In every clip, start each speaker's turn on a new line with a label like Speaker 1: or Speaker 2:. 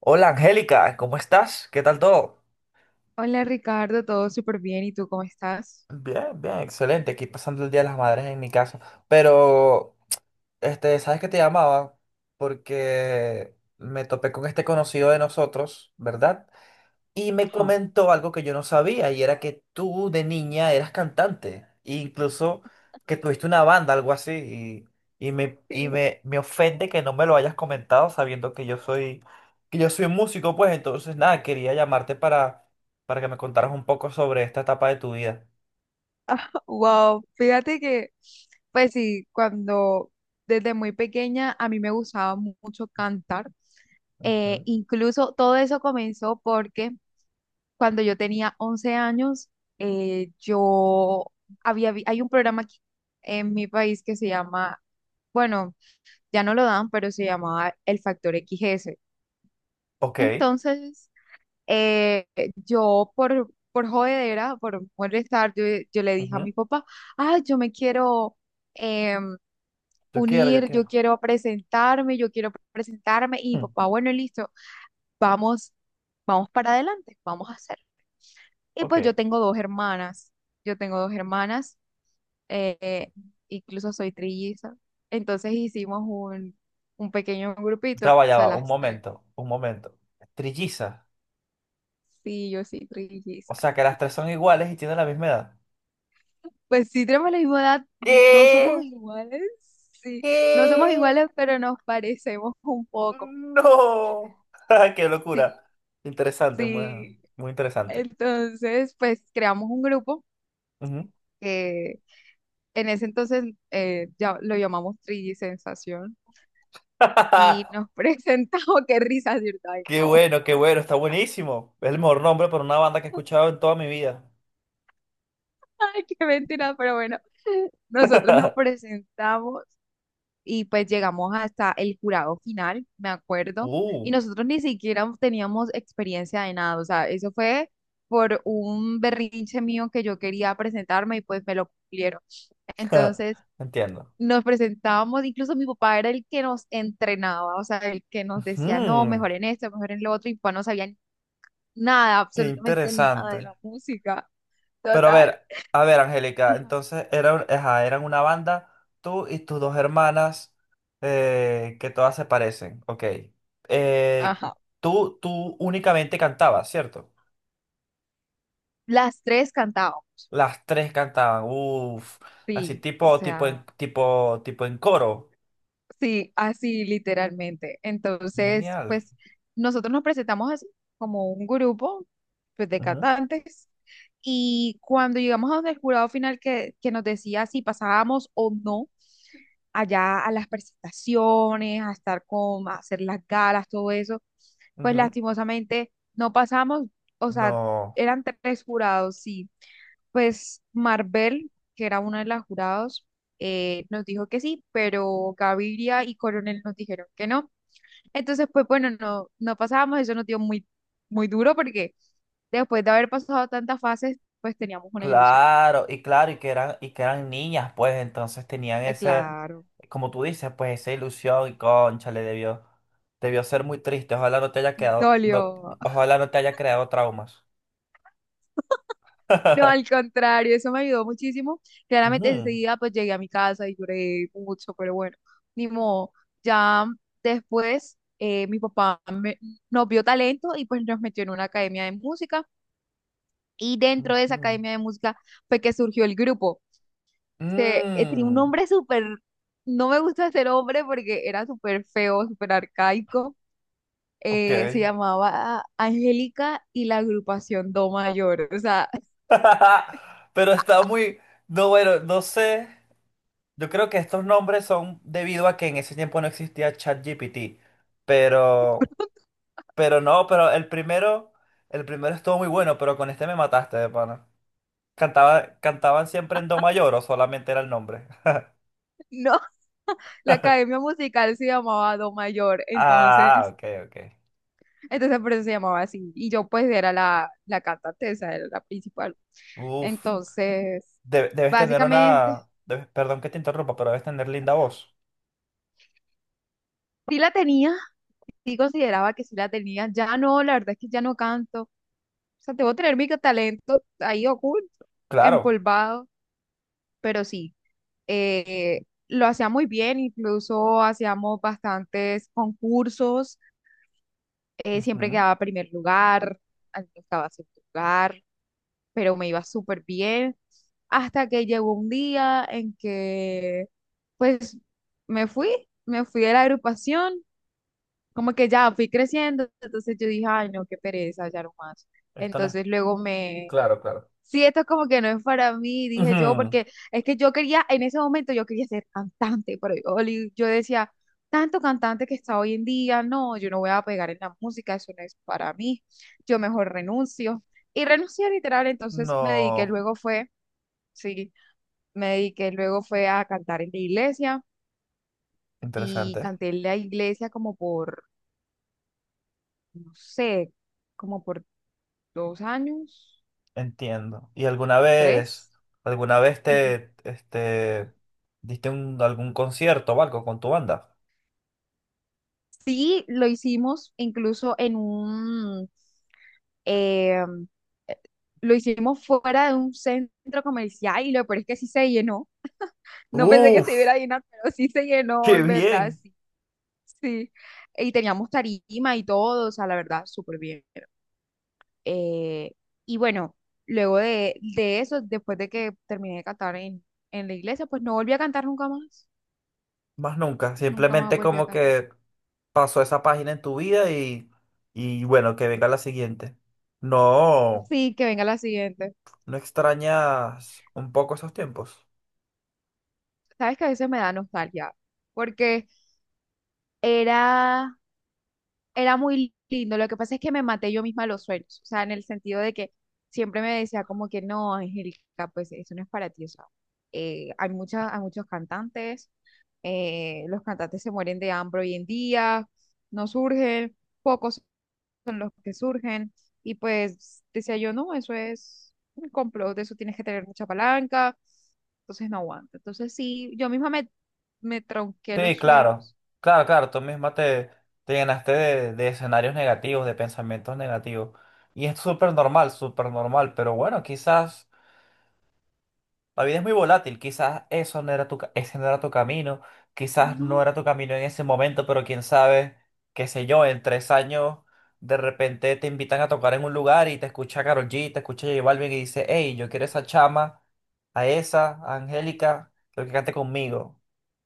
Speaker 1: Hola Angélica, ¿cómo estás? ¿Qué tal todo?
Speaker 2: Hola Ricardo, todo súper bien. ¿Y tú cómo estás?
Speaker 1: Bien, bien, excelente. Aquí pasando el Día de las Madres en mi casa. Pero, ¿sabes que te llamaba? Porque me topé con este conocido de nosotros, ¿verdad? Y me
Speaker 2: Ajá.
Speaker 1: comentó algo que yo no sabía, y era que tú de niña eras cantante, e incluso que tuviste una banda, algo así, y me ofende que no me lo hayas comentado sabiendo que yo soy, músico, pues entonces nada, quería llamarte para que me contaras un poco sobre esta etapa de tu vida.
Speaker 2: Wow, fíjate que, pues sí, cuando desde muy pequeña a mí me gustaba mucho cantar.
Speaker 1: Ujú.
Speaker 2: Incluso todo eso comenzó porque cuando yo tenía 11 años, yo hay un programa aquí en mi país que se llama, bueno, ya no lo dan, pero se llamaba El Factor XS.
Speaker 1: Ok,
Speaker 2: Entonces, eh, yo por jodedera, por molestar, yo le dije a
Speaker 1: ujú.
Speaker 2: mi papá, ah, yo me quiero em,
Speaker 1: Yo quiero, yo
Speaker 2: unir, yo
Speaker 1: quiero.
Speaker 2: quiero presentarme, yo quiero presentarme. Y mi
Speaker 1: Hmm.
Speaker 2: papá, bueno, listo, vamos, vamos para adelante, vamos a hacer. Y
Speaker 1: Ok,
Speaker 2: pues yo tengo dos hermanas, yo tengo dos hermanas, eh, incluso soy trilliza. Entonces hicimos un pequeño grupito, o
Speaker 1: ya
Speaker 2: sea,
Speaker 1: va, un
Speaker 2: las tres.
Speaker 1: momento, un momento. Trilliza,
Speaker 2: Sí, yo sí,
Speaker 1: o
Speaker 2: trilliza.
Speaker 1: sea que las tres son iguales y tienen la misma edad.
Speaker 2: Pues sí, tenemos la misma edad, no somos
Speaker 1: ¿Qué?
Speaker 2: iguales, sí, no somos
Speaker 1: ¿Qué?
Speaker 2: iguales, pero nos parecemos un poco,
Speaker 1: No. Qué
Speaker 2: sí,
Speaker 1: locura. Interesante, muy,
Speaker 2: sí.
Speaker 1: muy interesante.
Speaker 2: Entonces, pues creamos un grupo
Speaker 1: Ujú.
Speaker 2: que en ese entonces ya lo llamamos 3D Sensación y nos presentamos, oh, qué risa, ¿cierto? Ay, no,
Speaker 1: Qué bueno, está buenísimo. Es el mejor nombre para una banda que he escuchado en toda mi vida.
Speaker 2: ay, qué mentira, pero bueno, nosotros nos presentamos y pues llegamos hasta el jurado final, me acuerdo, y
Speaker 1: Uh.
Speaker 2: nosotros ni siquiera teníamos experiencia de nada, o sea, eso fue por un berrinche mío que yo quería presentarme y pues me lo cumplieron. Entonces
Speaker 1: Entiendo.
Speaker 2: nos presentábamos, incluso mi papá era el que nos entrenaba, o sea, el que nos decía, no,
Speaker 1: Mm,
Speaker 2: mejor en esto, mejor en lo otro, y mi papá no sabía nada,
Speaker 1: qué
Speaker 2: absolutamente nada de
Speaker 1: interesante.
Speaker 2: la música,
Speaker 1: Pero
Speaker 2: total.
Speaker 1: a ver, Angélica,
Speaker 2: Ajá.
Speaker 1: entonces eran, ajá, eran una banda, tú y tus dos hermanas, que todas se parecen, ok. Eh,
Speaker 2: Ajá.
Speaker 1: tú únicamente cantabas, ¿cierto?
Speaker 2: Las tres cantábamos,
Speaker 1: Las tres cantaban, uff, así
Speaker 2: sí, o sea.
Speaker 1: tipo en coro.
Speaker 2: Sí, así literalmente. Entonces,
Speaker 1: Genial.
Speaker 2: pues nosotros nos presentamos así como un grupo pues, de
Speaker 1: Ujú,
Speaker 2: cantantes y cuando llegamos a donde el jurado final que nos decía si pasábamos o no allá a las presentaciones, a estar con, a hacer las galas, todo eso, pues
Speaker 1: ujú.
Speaker 2: lastimosamente no pasamos, o sea,
Speaker 1: No.
Speaker 2: eran tres jurados, sí, pues Marvel, que era una de las jurados, nos dijo que sí, pero Gaviria y Coronel nos dijeron que no. Entonces, pues bueno, no, no pasábamos, eso nos dio muy, muy duro porque después de haber pasado tantas fases, pues teníamos una ilusión.
Speaker 1: Claro, y claro, y que eran, niñas, pues entonces tenían
Speaker 2: Ay,
Speaker 1: ese,
Speaker 2: claro,
Speaker 1: como tú dices, pues esa ilusión y concha, le debió ser muy triste. Ojalá no te haya quedado, no,
Speaker 2: dolió.
Speaker 1: ojalá no te haya creado traumas.
Speaker 2: No, al contrario, eso me ayudó muchísimo. Claramente
Speaker 1: Ujú,
Speaker 2: enseguida pues llegué a mi casa y lloré mucho, pero bueno, ni modo. Ya después mi nos vio talento y pues nos metió en una academia de música y dentro de esa
Speaker 1: ujú.
Speaker 2: academia de música fue que surgió el grupo. Tenía un
Speaker 1: Mm,
Speaker 2: nombre súper, no me gusta ser hombre porque era súper feo, súper arcaico.
Speaker 1: ok.
Speaker 2: Se llamaba Angélica y la agrupación Do Mayor. O sea,
Speaker 1: Pero está muy, no, bueno, no sé. Yo creo que estos nombres son debido a que en ese tiempo no existía ChatGPT, pero. Pero no, pero el primero estuvo muy bueno, pero con este me mataste, de pana. Cantaba, ¿cantaban siempre en do mayor o solamente era el nombre?
Speaker 2: no. La academia musical se llamaba Do Mayor,
Speaker 1: Ah,
Speaker 2: entonces,
Speaker 1: ok, ok.
Speaker 2: entonces por eso se llamaba así. Y yo pues era la cantante, esa era la principal.
Speaker 1: Uf,
Speaker 2: Entonces,
Speaker 1: debes tener
Speaker 2: básicamente,
Speaker 1: una, perdón que te interrumpa, pero debes tener linda voz.
Speaker 2: sí la tenía, sí consideraba que sí la tenía. Ya no, la verdad es que ya no canto. O sea, debo tener mi talento ahí oculto,
Speaker 1: Claro.
Speaker 2: empolvado, pero sí, lo hacía muy bien, incluso hacíamos bastantes concursos, siempre
Speaker 1: Ujú.
Speaker 2: quedaba primer lugar, algunos quedaba segundo lugar pero me iba súper bien. Hasta que llegó un día en que, pues, me fui, me fui de la agrupación, como que ya fui creciendo, entonces yo dije, ay, no, qué pereza, ya no más.
Speaker 1: Esto no es.
Speaker 2: Entonces
Speaker 1: Claro, claro.
Speaker 2: sí, esto es como que no es para mí, dije yo,
Speaker 1: Ujú.
Speaker 2: porque es que yo quería, en ese momento yo quería ser cantante, pero yo decía, tanto cantante que está hoy en día, no, yo no voy a pegar en la música, eso no es para mí, yo mejor renuncio. Y renuncié literal, entonces me dediqué
Speaker 1: No,
Speaker 2: luego fue, sí, me dediqué luego fue a cantar en la iglesia y
Speaker 1: interesante.
Speaker 2: canté en la iglesia como por, no sé, como por 2 años,
Speaker 1: Entiendo. ¿Y alguna vez,
Speaker 2: tres.
Speaker 1: alguna vez te, diste algún concierto o algo con tu banda?
Speaker 2: Sí, lo hicimos incluso en eh, lo hicimos fuera de un centro comercial y lo peor es que sí se llenó. No pensé que se iba
Speaker 1: Uf.
Speaker 2: a llenar, pero sí se llenó,
Speaker 1: Qué
Speaker 2: en verdad,
Speaker 1: bien,
Speaker 2: sí, sí. Y teníamos tarima y todo, o sea, la verdad, súper bien. Eh, y bueno, luego de eso, después de que terminé de cantar en la iglesia, pues no volví a cantar nunca más.
Speaker 1: más nunca.
Speaker 2: Nunca más
Speaker 1: Simplemente
Speaker 2: volví a
Speaker 1: como
Speaker 2: cantar.
Speaker 1: que pasó esa página en tu vida y bueno, que venga la siguiente. No,
Speaker 2: Sí, que venga la siguiente.
Speaker 1: ¿no extrañas un poco esos tiempos?
Speaker 2: Sabes que a veces me da nostalgia, porque era, era muy lindo. Lo que pasa es que me maté yo misma los sueños. O sea, en el sentido de que siempre me decía como que no, Angélica, pues eso no es para ti. O sea, hay muchos cantantes. Los cantantes se mueren de hambre hoy en día. No surgen. Pocos son los que surgen. Y pues decía yo, no, eso es un complot. De eso tienes que tener mucha palanca. Entonces no aguanta. Entonces sí, me tronqué
Speaker 1: Sí,
Speaker 2: los
Speaker 1: claro,
Speaker 2: sueños.
Speaker 1: claro, claro. Tú misma te llenaste de escenarios negativos, de pensamientos negativos. Y es súper normal, súper normal. Pero bueno, quizás la vida es muy volátil, quizás eso no era ese no era tu camino, quizás no
Speaker 2: No.
Speaker 1: era tu camino en ese momento, pero quién sabe, qué sé yo, en 3 años de repente te invitan a tocar en un lugar y te escucha Karol G, te escucha J Balvin y dice, hey, yo quiero esa chama, a esa, a Angélica, quiero que cante conmigo,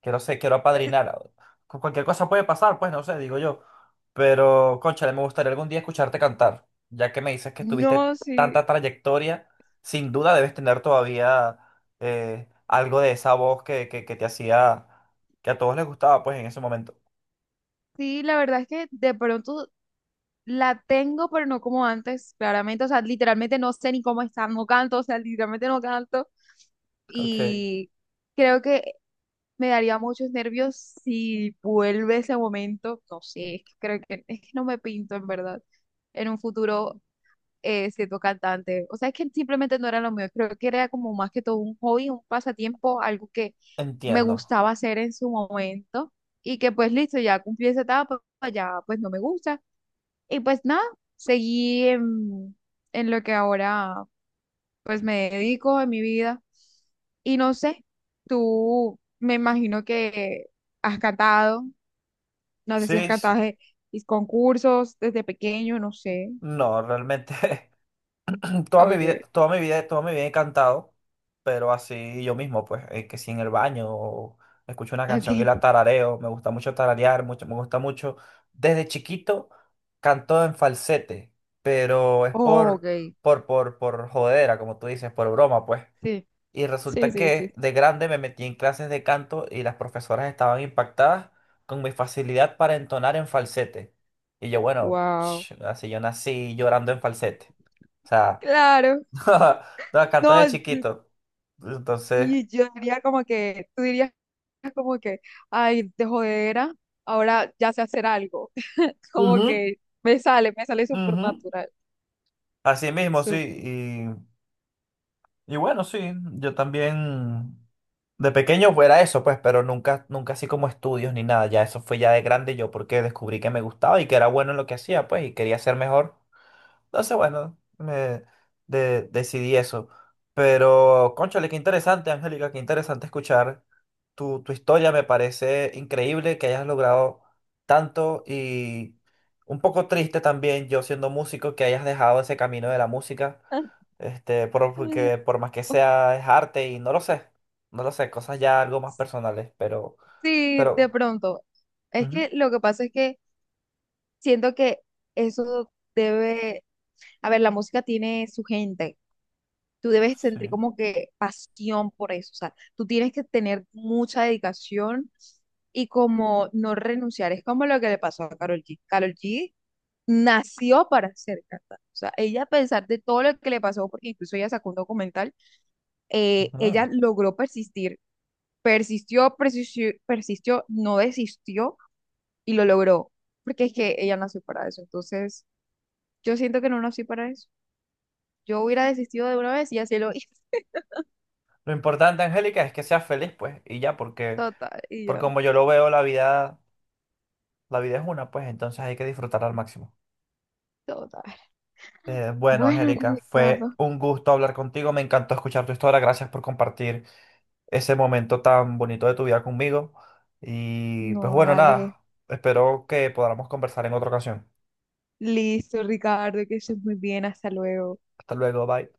Speaker 1: quiero ser, quiero apadrinar. Cualquier cosa puede pasar, pues no sé, digo yo. Pero, cónchale, me gustaría algún día escucharte cantar, ya que me dices que
Speaker 2: No,
Speaker 1: tuviste
Speaker 2: sí,
Speaker 1: tanta trayectoria, sin duda debes tener todavía algo de esa voz que, que te hacía, que a todos les gustaba, pues en ese momento.
Speaker 2: sí, la verdad es que de pronto la tengo, pero no como antes, claramente, o sea, literalmente no sé ni cómo está, no canto, o sea, literalmente no canto
Speaker 1: Ok.
Speaker 2: y creo que me daría muchos nervios si vuelve ese momento, no sé, es que creo que es que no me pinto en verdad en un futuro siendo cantante. O sea, es que simplemente no era lo mío. Creo que era como más que todo un hobby, un pasatiempo, algo que me
Speaker 1: Entiendo.
Speaker 2: gustaba hacer en su momento y que pues listo, ya cumplí esa etapa, pues, ya pues no me gusta. Y pues nada, seguí en lo que ahora pues me dedico en mi vida. Y no sé, tú me imagino que has cantado, no sé si has
Speaker 1: Sí, sí.
Speaker 2: cantado en concursos desde pequeño, no sé.
Speaker 1: No, realmente toda mi vida,
Speaker 2: Oye,
Speaker 1: toda mi vida, toda mi vida he cantado, pero así yo mismo, pues, que si en el baño o escucho una canción y
Speaker 2: okay.
Speaker 1: la tarareo, me gusta mucho tararear, mucho, me gusta mucho. Desde chiquito canto en falsete, pero es
Speaker 2: Oh,
Speaker 1: por,
Speaker 2: ok.
Speaker 1: por, por, por jodera, como tú dices, por broma, pues.
Speaker 2: Sí,
Speaker 1: Y
Speaker 2: sí,
Speaker 1: resulta
Speaker 2: sí,
Speaker 1: que
Speaker 2: sí.
Speaker 1: de grande me metí en clases de canto y las profesoras estaban impactadas con mi facilidad para entonar en falsete. Y yo, bueno,
Speaker 2: Wow.
Speaker 1: ch, así yo nací llorando en falsete. O sea,
Speaker 2: Claro.
Speaker 1: no, cantas de
Speaker 2: No, d-
Speaker 1: chiquito. Entonces.
Speaker 2: sí, yo diría como que, tú dirías como que, ay, de jodera, ahora ya sé hacer algo. Como
Speaker 1: Ujú,
Speaker 2: que me sale súper
Speaker 1: ujú.
Speaker 2: natural.
Speaker 1: Así mismo, sí.
Speaker 2: Súper.
Speaker 1: Y bueno, sí, yo también de pequeño fuera eso, pues, pero nunca, nunca así como estudios ni nada. Ya eso fue ya de grande yo porque descubrí que me gustaba y que era bueno en lo que hacía, pues, y quería ser mejor. Entonces, bueno, me decidí eso. Pero, cónchale, qué interesante, Angélica, qué interesante escuchar tu historia. Me parece increíble que hayas logrado tanto y un poco triste también, yo siendo músico, que hayas dejado ese camino de la música. Este, porque por más que sea, es arte y no lo sé. No lo sé, cosas ya algo más personales, pero,
Speaker 2: Sí, de
Speaker 1: pero,
Speaker 2: pronto. Es
Speaker 1: ujú,
Speaker 2: que lo que pasa es que siento que eso debe, a ver, la música tiene su gente. Tú debes sentir
Speaker 1: sí.
Speaker 2: como que pasión por eso, o sea, tú tienes que tener mucha dedicación y como no renunciar, es como lo que le pasó a Karol G. Karol G nació para ser cantante, o sea, ella a pesar de todo lo que le pasó, porque incluso ella sacó un documental,
Speaker 1: Ujú.
Speaker 2: ella logró persistir, persistió, persistió, persistió, no desistió y lo logró, porque es que ella nació para eso, entonces yo siento que no nací para eso. Yo hubiera desistido de una vez y así lo hice.
Speaker 1: Lo importante, Angélica, es que seas feliz, pues, y ya, porque
Speaker 2: Total, y
Speaker 1: Porque
Speaker 2: ya,
Speaker 1: como yo lo veo, la vida es una, pues entonces hay que disfrutarla al máximo.
Speaker 2: total.
Speaker 1: Bueno,
Speaker 2: Bueno,
Speaker 1: Angélica, fue
Speaker 2: Ricardo.
Speaker 1: un gusto hablar contigo, me encantó escuchar tu historia, gracias por compartir ese momento tan bonito de tu vida conmigo. Y pues
Speaker 2: No,
Speaker 1: bueno,
Speaker 2: dale.
Speaker 1: nada, espero que podamos conversar en otra ocasión.
Speaker 2: Listo, Ricardo, que estés muy bien. Hasta luego.
Speaker 1: Hasta luego, bye.